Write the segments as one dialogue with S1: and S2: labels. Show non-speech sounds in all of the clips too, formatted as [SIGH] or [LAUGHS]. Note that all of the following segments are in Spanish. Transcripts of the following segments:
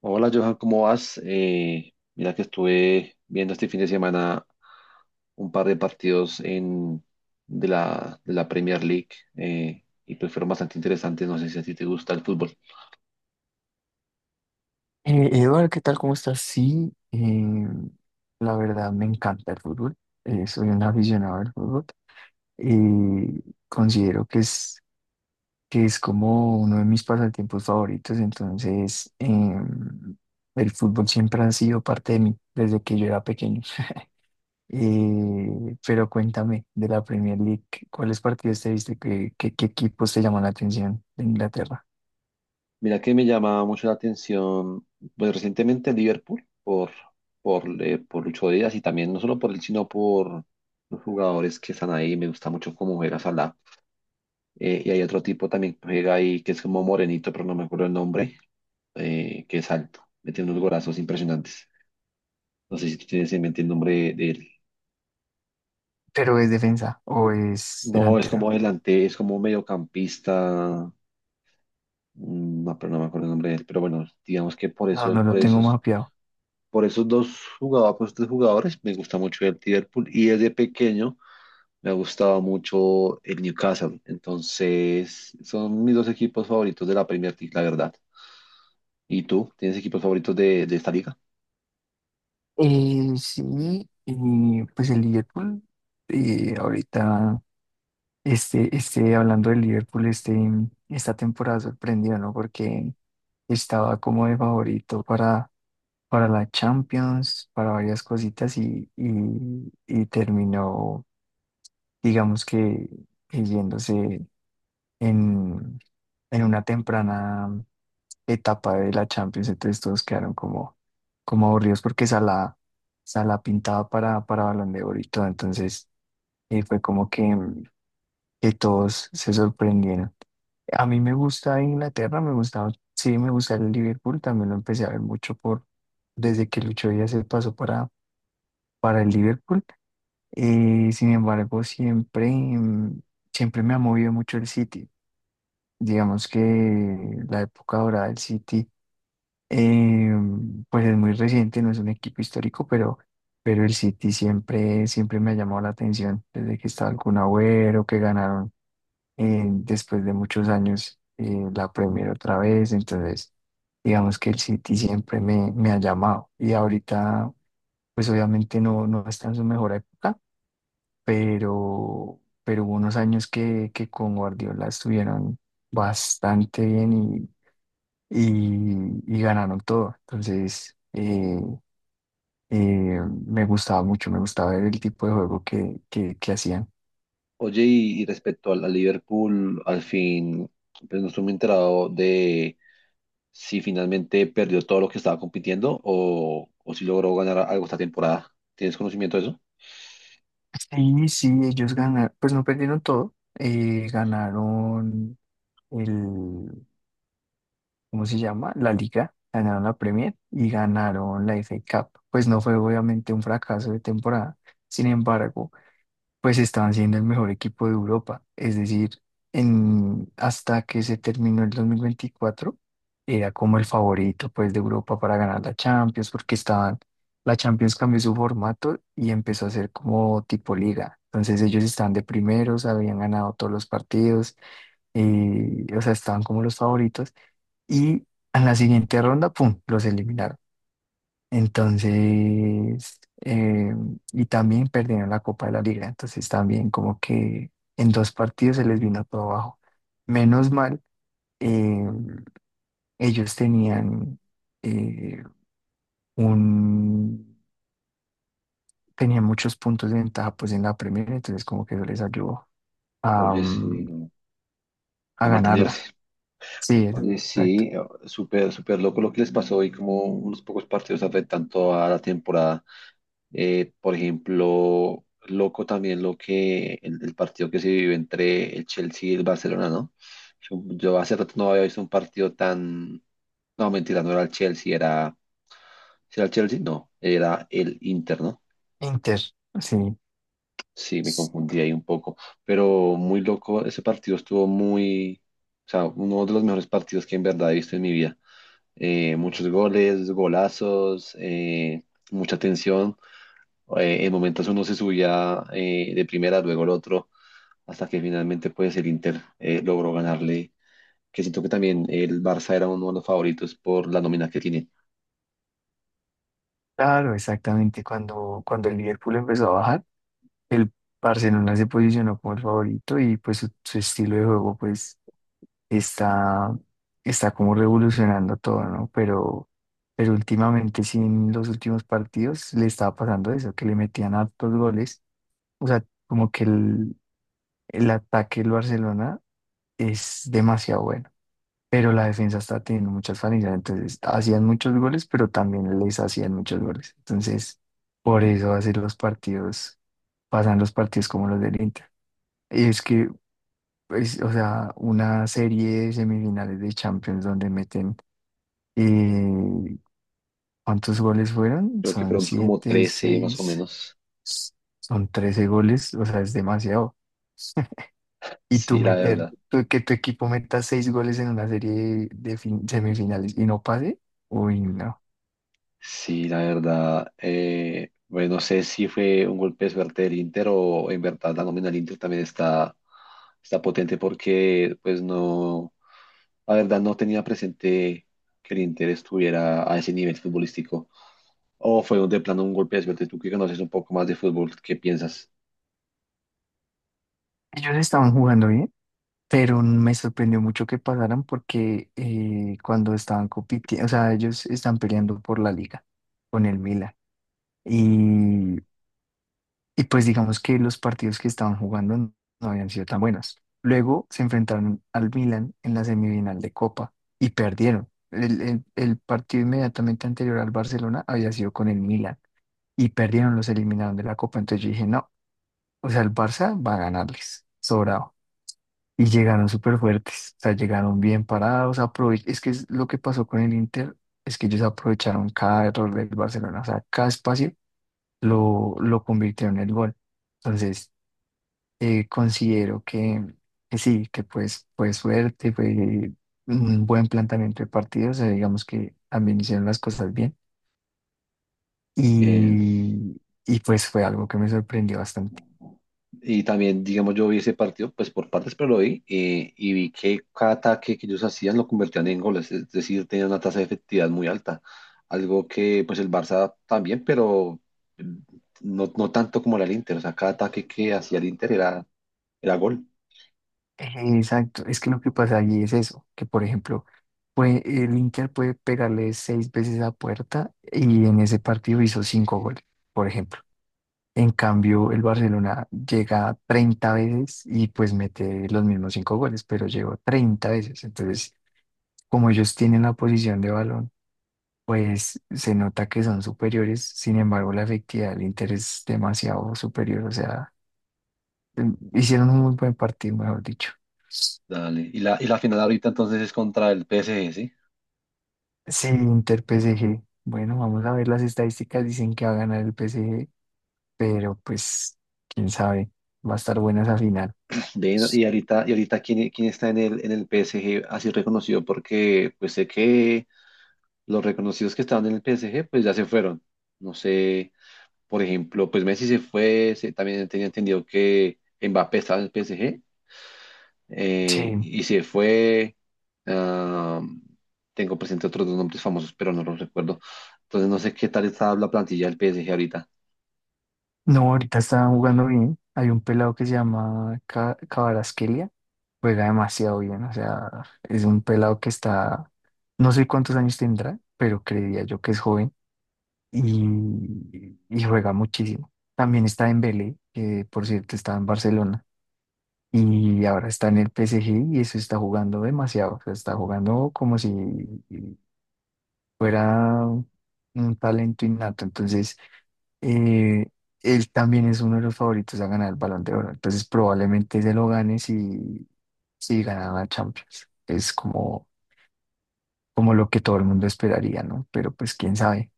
S1: Hola Johan, ¿cómo vas? Mira que estuve viendo este fin de semana un par de partidos de la Premier League y pues fueron bastante interesantes. No sé si a ti te gusta el fútbol.
S2: Eduardo, ¿qué tal? ¿Cómo estás? Sí, la verdad me encanta el fútbol. Soy un aficionado al fútbol y considero que es como uno de mis pasatiempos favoritos. Entonces, el fútbol siempre ha sido parte de mí desde que yo era pequeño. [LAUGHS] Pero cuéntame de la Premier League, ¿cuáles partidos te viste? ¿Qué equipos te llaman la atención de Inglaterra?
S1: Mira que me llama mucho la atención, pues recientemente el Liverpool por Lucho Díaz, y también no solo por él, sino por los jugadores que están ahí. Me gusta mucho cómo juega Salah. Y hay otro tipo también que juega ahí que es como morenito, pero no me acuerdo el nombre. Que es alto, metiendo unos golazos impresionantes. No sé si tú tienes en mente el nombre de él.
S2: ¿Pero es defensa o es
S1: No, es como
S2: delantero?
S1: adelante, es como mediocampista, no, pero no me acuerdo el nombre de él. Pero bueno, digamos que por
S2: No,
S1: eso,
S2: no lo tengo mapeado.
S1: por esos dos jugadores, por esos tres jugadores, me gusta mucho el Liverpool. Y desde pequeño me ha gustado mucho el Newcastle. Entonces, son mis dos equipos favoritos de la Premier League, la verdad. ¿Y tú? ¿Tienes equipos favoritos de esta liga?
S2: Sí, y pues el Liverpool, ahorita, hablando del Liverpool, esta temporada sorprendió, ¿no? Porque estaba como de favorito para la Champions, para varias cositas y terminó, digamos que yéndose en, en una temprana etapa de la Champions. Entonces todos quedaron como aburridos porque Salah pintaba para Balón de Oro y todo. Entonces fue como que, que todos se sorprendieron. A mí me gusta Inglaterra, me gusta, sí, me gusta el Liverpool, también lo empecé a ver mucho desde que Lucho Díaz se pasó para el Liverpool. Sin embargo, siempre, siempre me ha movido mucho el City. Digamos que la época dorada del City Eh, pues es muy reciente, no es un equipo histórico, pero el City siempre me ha llamado la atención desde que estaba el Kun Agüero, que ganaron después de muchos años la Premier otra vez. Entonces, digamos que el City siempre me ha llamado. Y ahorita, pues obviamente no, no está en su mejor época, pero hubo unos años que con Guardiola estuvieron bastante bien y, ganaron todo. Entonces, eh, me gustaba mucho, me gustaba ver el tipo de juego que hacían.
S1: Oye, y respecto al Liverpool, al fin, pues no estoy muy enterado de si finalmente perdió todo lo que estaba compitiendo, o si logró ganar algo esta temporada. ¿Tienes conocimiento de eso?
S2: Sí, sí, ellos ganaron, pues no perdieron todo, ganaron el, ¿cómo se llama? La liga, ganaron la Premier y ganaron la FA Cup. Pues no fue obviamente un fracaso de temporada, sin embargo pues estaban siendo el mejor equipo de Europa. Es decir, hasta que se terminó el 2024 era como el favorito pues de Europa para ganar la Champions, porque la Champions cambió su formato y empezó a ser como tipo liga. Entonces ellos estaban de primeros, habían ganado todos los partidos, y, o sea, estaban como los favoritos. Y en la siguiente ronda, ¡pum!, los eliminaron. Entonces, y también perdieron la Copa de la Liga. Entonces, también como que en dos partidos se les vino todo abajo. Menos mal, eh, ellos tenían eh, un tenían muchos puntos de ventaja pues en la Premier, entonces como que eso les ayudó a,
S1: Oye, mm, sí,
S2: mm,
S1: no. A
S2: a ganarla.
S1: mantenerse.
S2: Sí,
S1: Oye,
S2: exacto.
S1: sí, súper, súper loco lo que les pasó y como unos pocos partidos afectan toda la temporada. Por ejemplo, loco también lo que el partido que se vivió entre el Chelsea y el Barcelona, ¿no? Yo hace rato no había visto un partido tan... No, mentira, no era el Chelsea, era... ¿Sí era el Chelsea? No, era el Inter, ¿no?
S2: Inter, sí.
S1: Sí, me confundí ahí un poco, pero muy loco, ese partido estuvo muy, o sea, uno de los mejores partidos que en verdad he visto en mi vida. Muchos goles, golazos, mucha tensión. En momentos uno se subía de primera, luego el otro, hasta que finalmente pues el Inter logró ganarle, que siento que también el Barça era uno de los favoritos por la nómina que tiene.
S2: Claro, exactamente. Cuando el Liverpool empezó a bajar, el Barcelona se posicionó como el favorito y pues su estilo de juego pues está, está como revolucionando todo, ¿no? Pero últimamente sí en los últimos partidos le estaba pasando eso, que le metían hartos goles. O sea, como que el ataque del Barcelona es demasiado bueno, pero la defensa está teniendo muchas falencias. Entonces hacían muchos goles, pero también les hacían muchos goles. Entonces, por eso pasan los partidos como los del Inter. Es que pues, o sea, una serie de semifinales de Champions donde meten, eh, ¿cuántos goles fueron?
S1: Creo que
S2: Son
S1: fueron como
S2: siete,
S1: 13 más o
S2: seis,
S1: menos.
S2: son 13 goles, o sea, es demasiado. [LAUGHS] Y
S1: Sí, la verdad.
S2: que tu equipo meta seis goles en una serie de, semifinales y no pase, uy, no.
S1: Sí, la verdad, bueno, no sé si fue un golpe de suerte del Inter o en verdad la nómina del Inter también está, está potente porque pues no, la verdad no tenía presente que el Inter estuviera a ese nivel futbolístico o fue un- de plano un golpe de suerte. Tú que conoces un poco más de fútbol, ¿qué piensas?
S2: Ellos estaban jugando bien, pero me sorprendió mucho que pasaran porque cuando estaban compitiendo, o sea, ellos están peleando por la liga con el Milan. Y, y pues digamos que los partidos que estaban jugando no habían sido tan buenos. Luego se enfrentaron al Milan en la semifinal de Copa y perdieron. El partido inmediatamente anterior al Barcelona había sido con el Milan y perdieron, los eliminaron de la Copa. Entonces yo dije, no, o sea, el Barça va a ganarles, sobrado. Y llegaron súper fuertes, o sea, llegaron bien parados. Es que es lo que pasó con el Inter es que ellos aprovecharon cada error del Barcelona, o sea, cada espacio lo convirtió en el gol. Entonces, considero que sí, que pues fue suerte, fue un buen planteamiento de partido, o sea, digamos que también hicieron las cosas bien
S1: Eh,
S2: y, y pues fue algo que me sorprendió bastante.
S1: Y también, digamos, yo vi ese partido, pues por partes, pero lo vi, y vi que cada ataque que ellos hacían lo convertían en goles, es decir, tenían una tasa de efectividad muy alta, algo que pues el Barça también, pero mm, no, no tanto como era el Inter, o sea, cada ataque que hacía el Inter era, era gol.
S2: Exacto, es que lo que pasa allí es eso, que por ejemplo, el Inter puede pegarle seis veces a puerta y en ese partido hizo cinco goles, por ejemplo. En cambio, el Barcelona llega 30 veces y pues mete los mismos 5 goles, pero llegó 30 veces. Entonces, como ellos tienen la posición de balón, pues se nota que son superiores. Sin embargo, la efectividad del Inter es demasiado superior. O sea, hicieron un muy buen partido, mejor dicho.
S1: Dale. Y y la final ahorita entonces es contra el PSG, ¿sí?
S2: Sí, Inter PSG. Bueno, vamos a ver las estadísticas. Dicen que va a ganar el PSG, pero pues, quién sabe, va a estar buena esa final.
S1: Ven, y ahorita ¿quién, quién está en el PSG así reconocido? Porque pues sé que los reconocidos que estaban en el PSG pues ya se fueron. No sé. Por ejemplo, pues Messi se fue, se- también tenía entendido que Mbappé estaba en el PSG,
S2: Sí.
S1: y se fue. Ah, tengo presente otros dos nombres famosos, pero no los recuerdo. Entonces no sé qué tal está la plantilla del PSG ahorita.
S2: No, ahorita estaban jugando bien. Hay un pelado que se llama Kvaratskhelia. Juega demasiado bien. O sea, es un pelado que está. No sé cuántos años tendrá, pero creería yo que es joven. Y juega muchísimo. También está en Dembélé, que por cierto está en Barcelona. Y ahora está en el PSG y eso está jugando demasiado. O sea, está jugando como si fuera un talento innato. Entonces eh, él también es uno de los favoritos a ganar el Balón de Oro. Entonces probablemente se lo gane si gana la Champions. Es como lo que todo el mundo esperaría, ¿no? Pero pues quién sabe.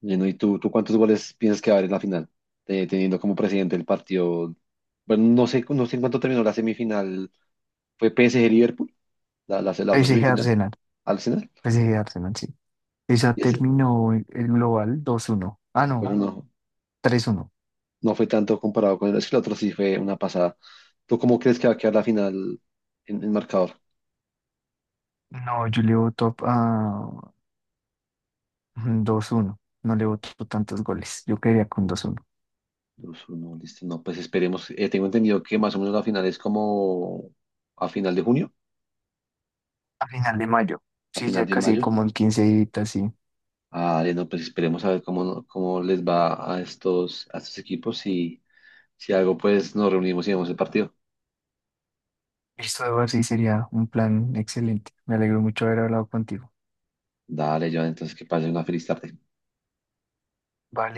S1: Bueno, ¿y tú cuántos goles piensas que va a haber en la final? Teniendo como presidente el partido. Bueno, no sé, no sé en cuánto terminó la semifinal. ¿Fue PSG Liverpool? La
S2: P.
S1: otra
S2: S G.
S1: semifinal,
S2: Arsenal,
S1: Arsenal.
S2: PSG. Arsenal, sí. Esa
S1: Y ese,
S2: terminó el global 2-1. Ah,
S1: bueno,
S2: no,
S1: no,
S2: 3-1.
S1: no fue tanto comparado con el, es que el otro sí fue una pasada. ¿Tú cómo crees que va a quedar la final en el marcador?
S2: No, yo le voto a 2-1. No le voto tantos goles. Yo quedaría con 2-1.
S1: 2-1, listo. No, pues esperemos. Tengo entendido que más o menos la final es como a final de junio,
S2: A final de mayo.
S1: a
S2: Sí,
S1: final
S2: ya
S1: de
S2: casi
S1: mayo.
S2: como en 15 días, sí.
S1: Ah, no, pues esperemos a ver cómo, no- cómo les va a estos equipos, y si algo, pues nos reunimos y vemos el partido.
S2: Listo, Eduardo, sí sería un plan excelente. Me alegro mucho haber hablado contigo.
S1: Dale, Joan, entonces que pasen una feliz tarde.
S2: Vale.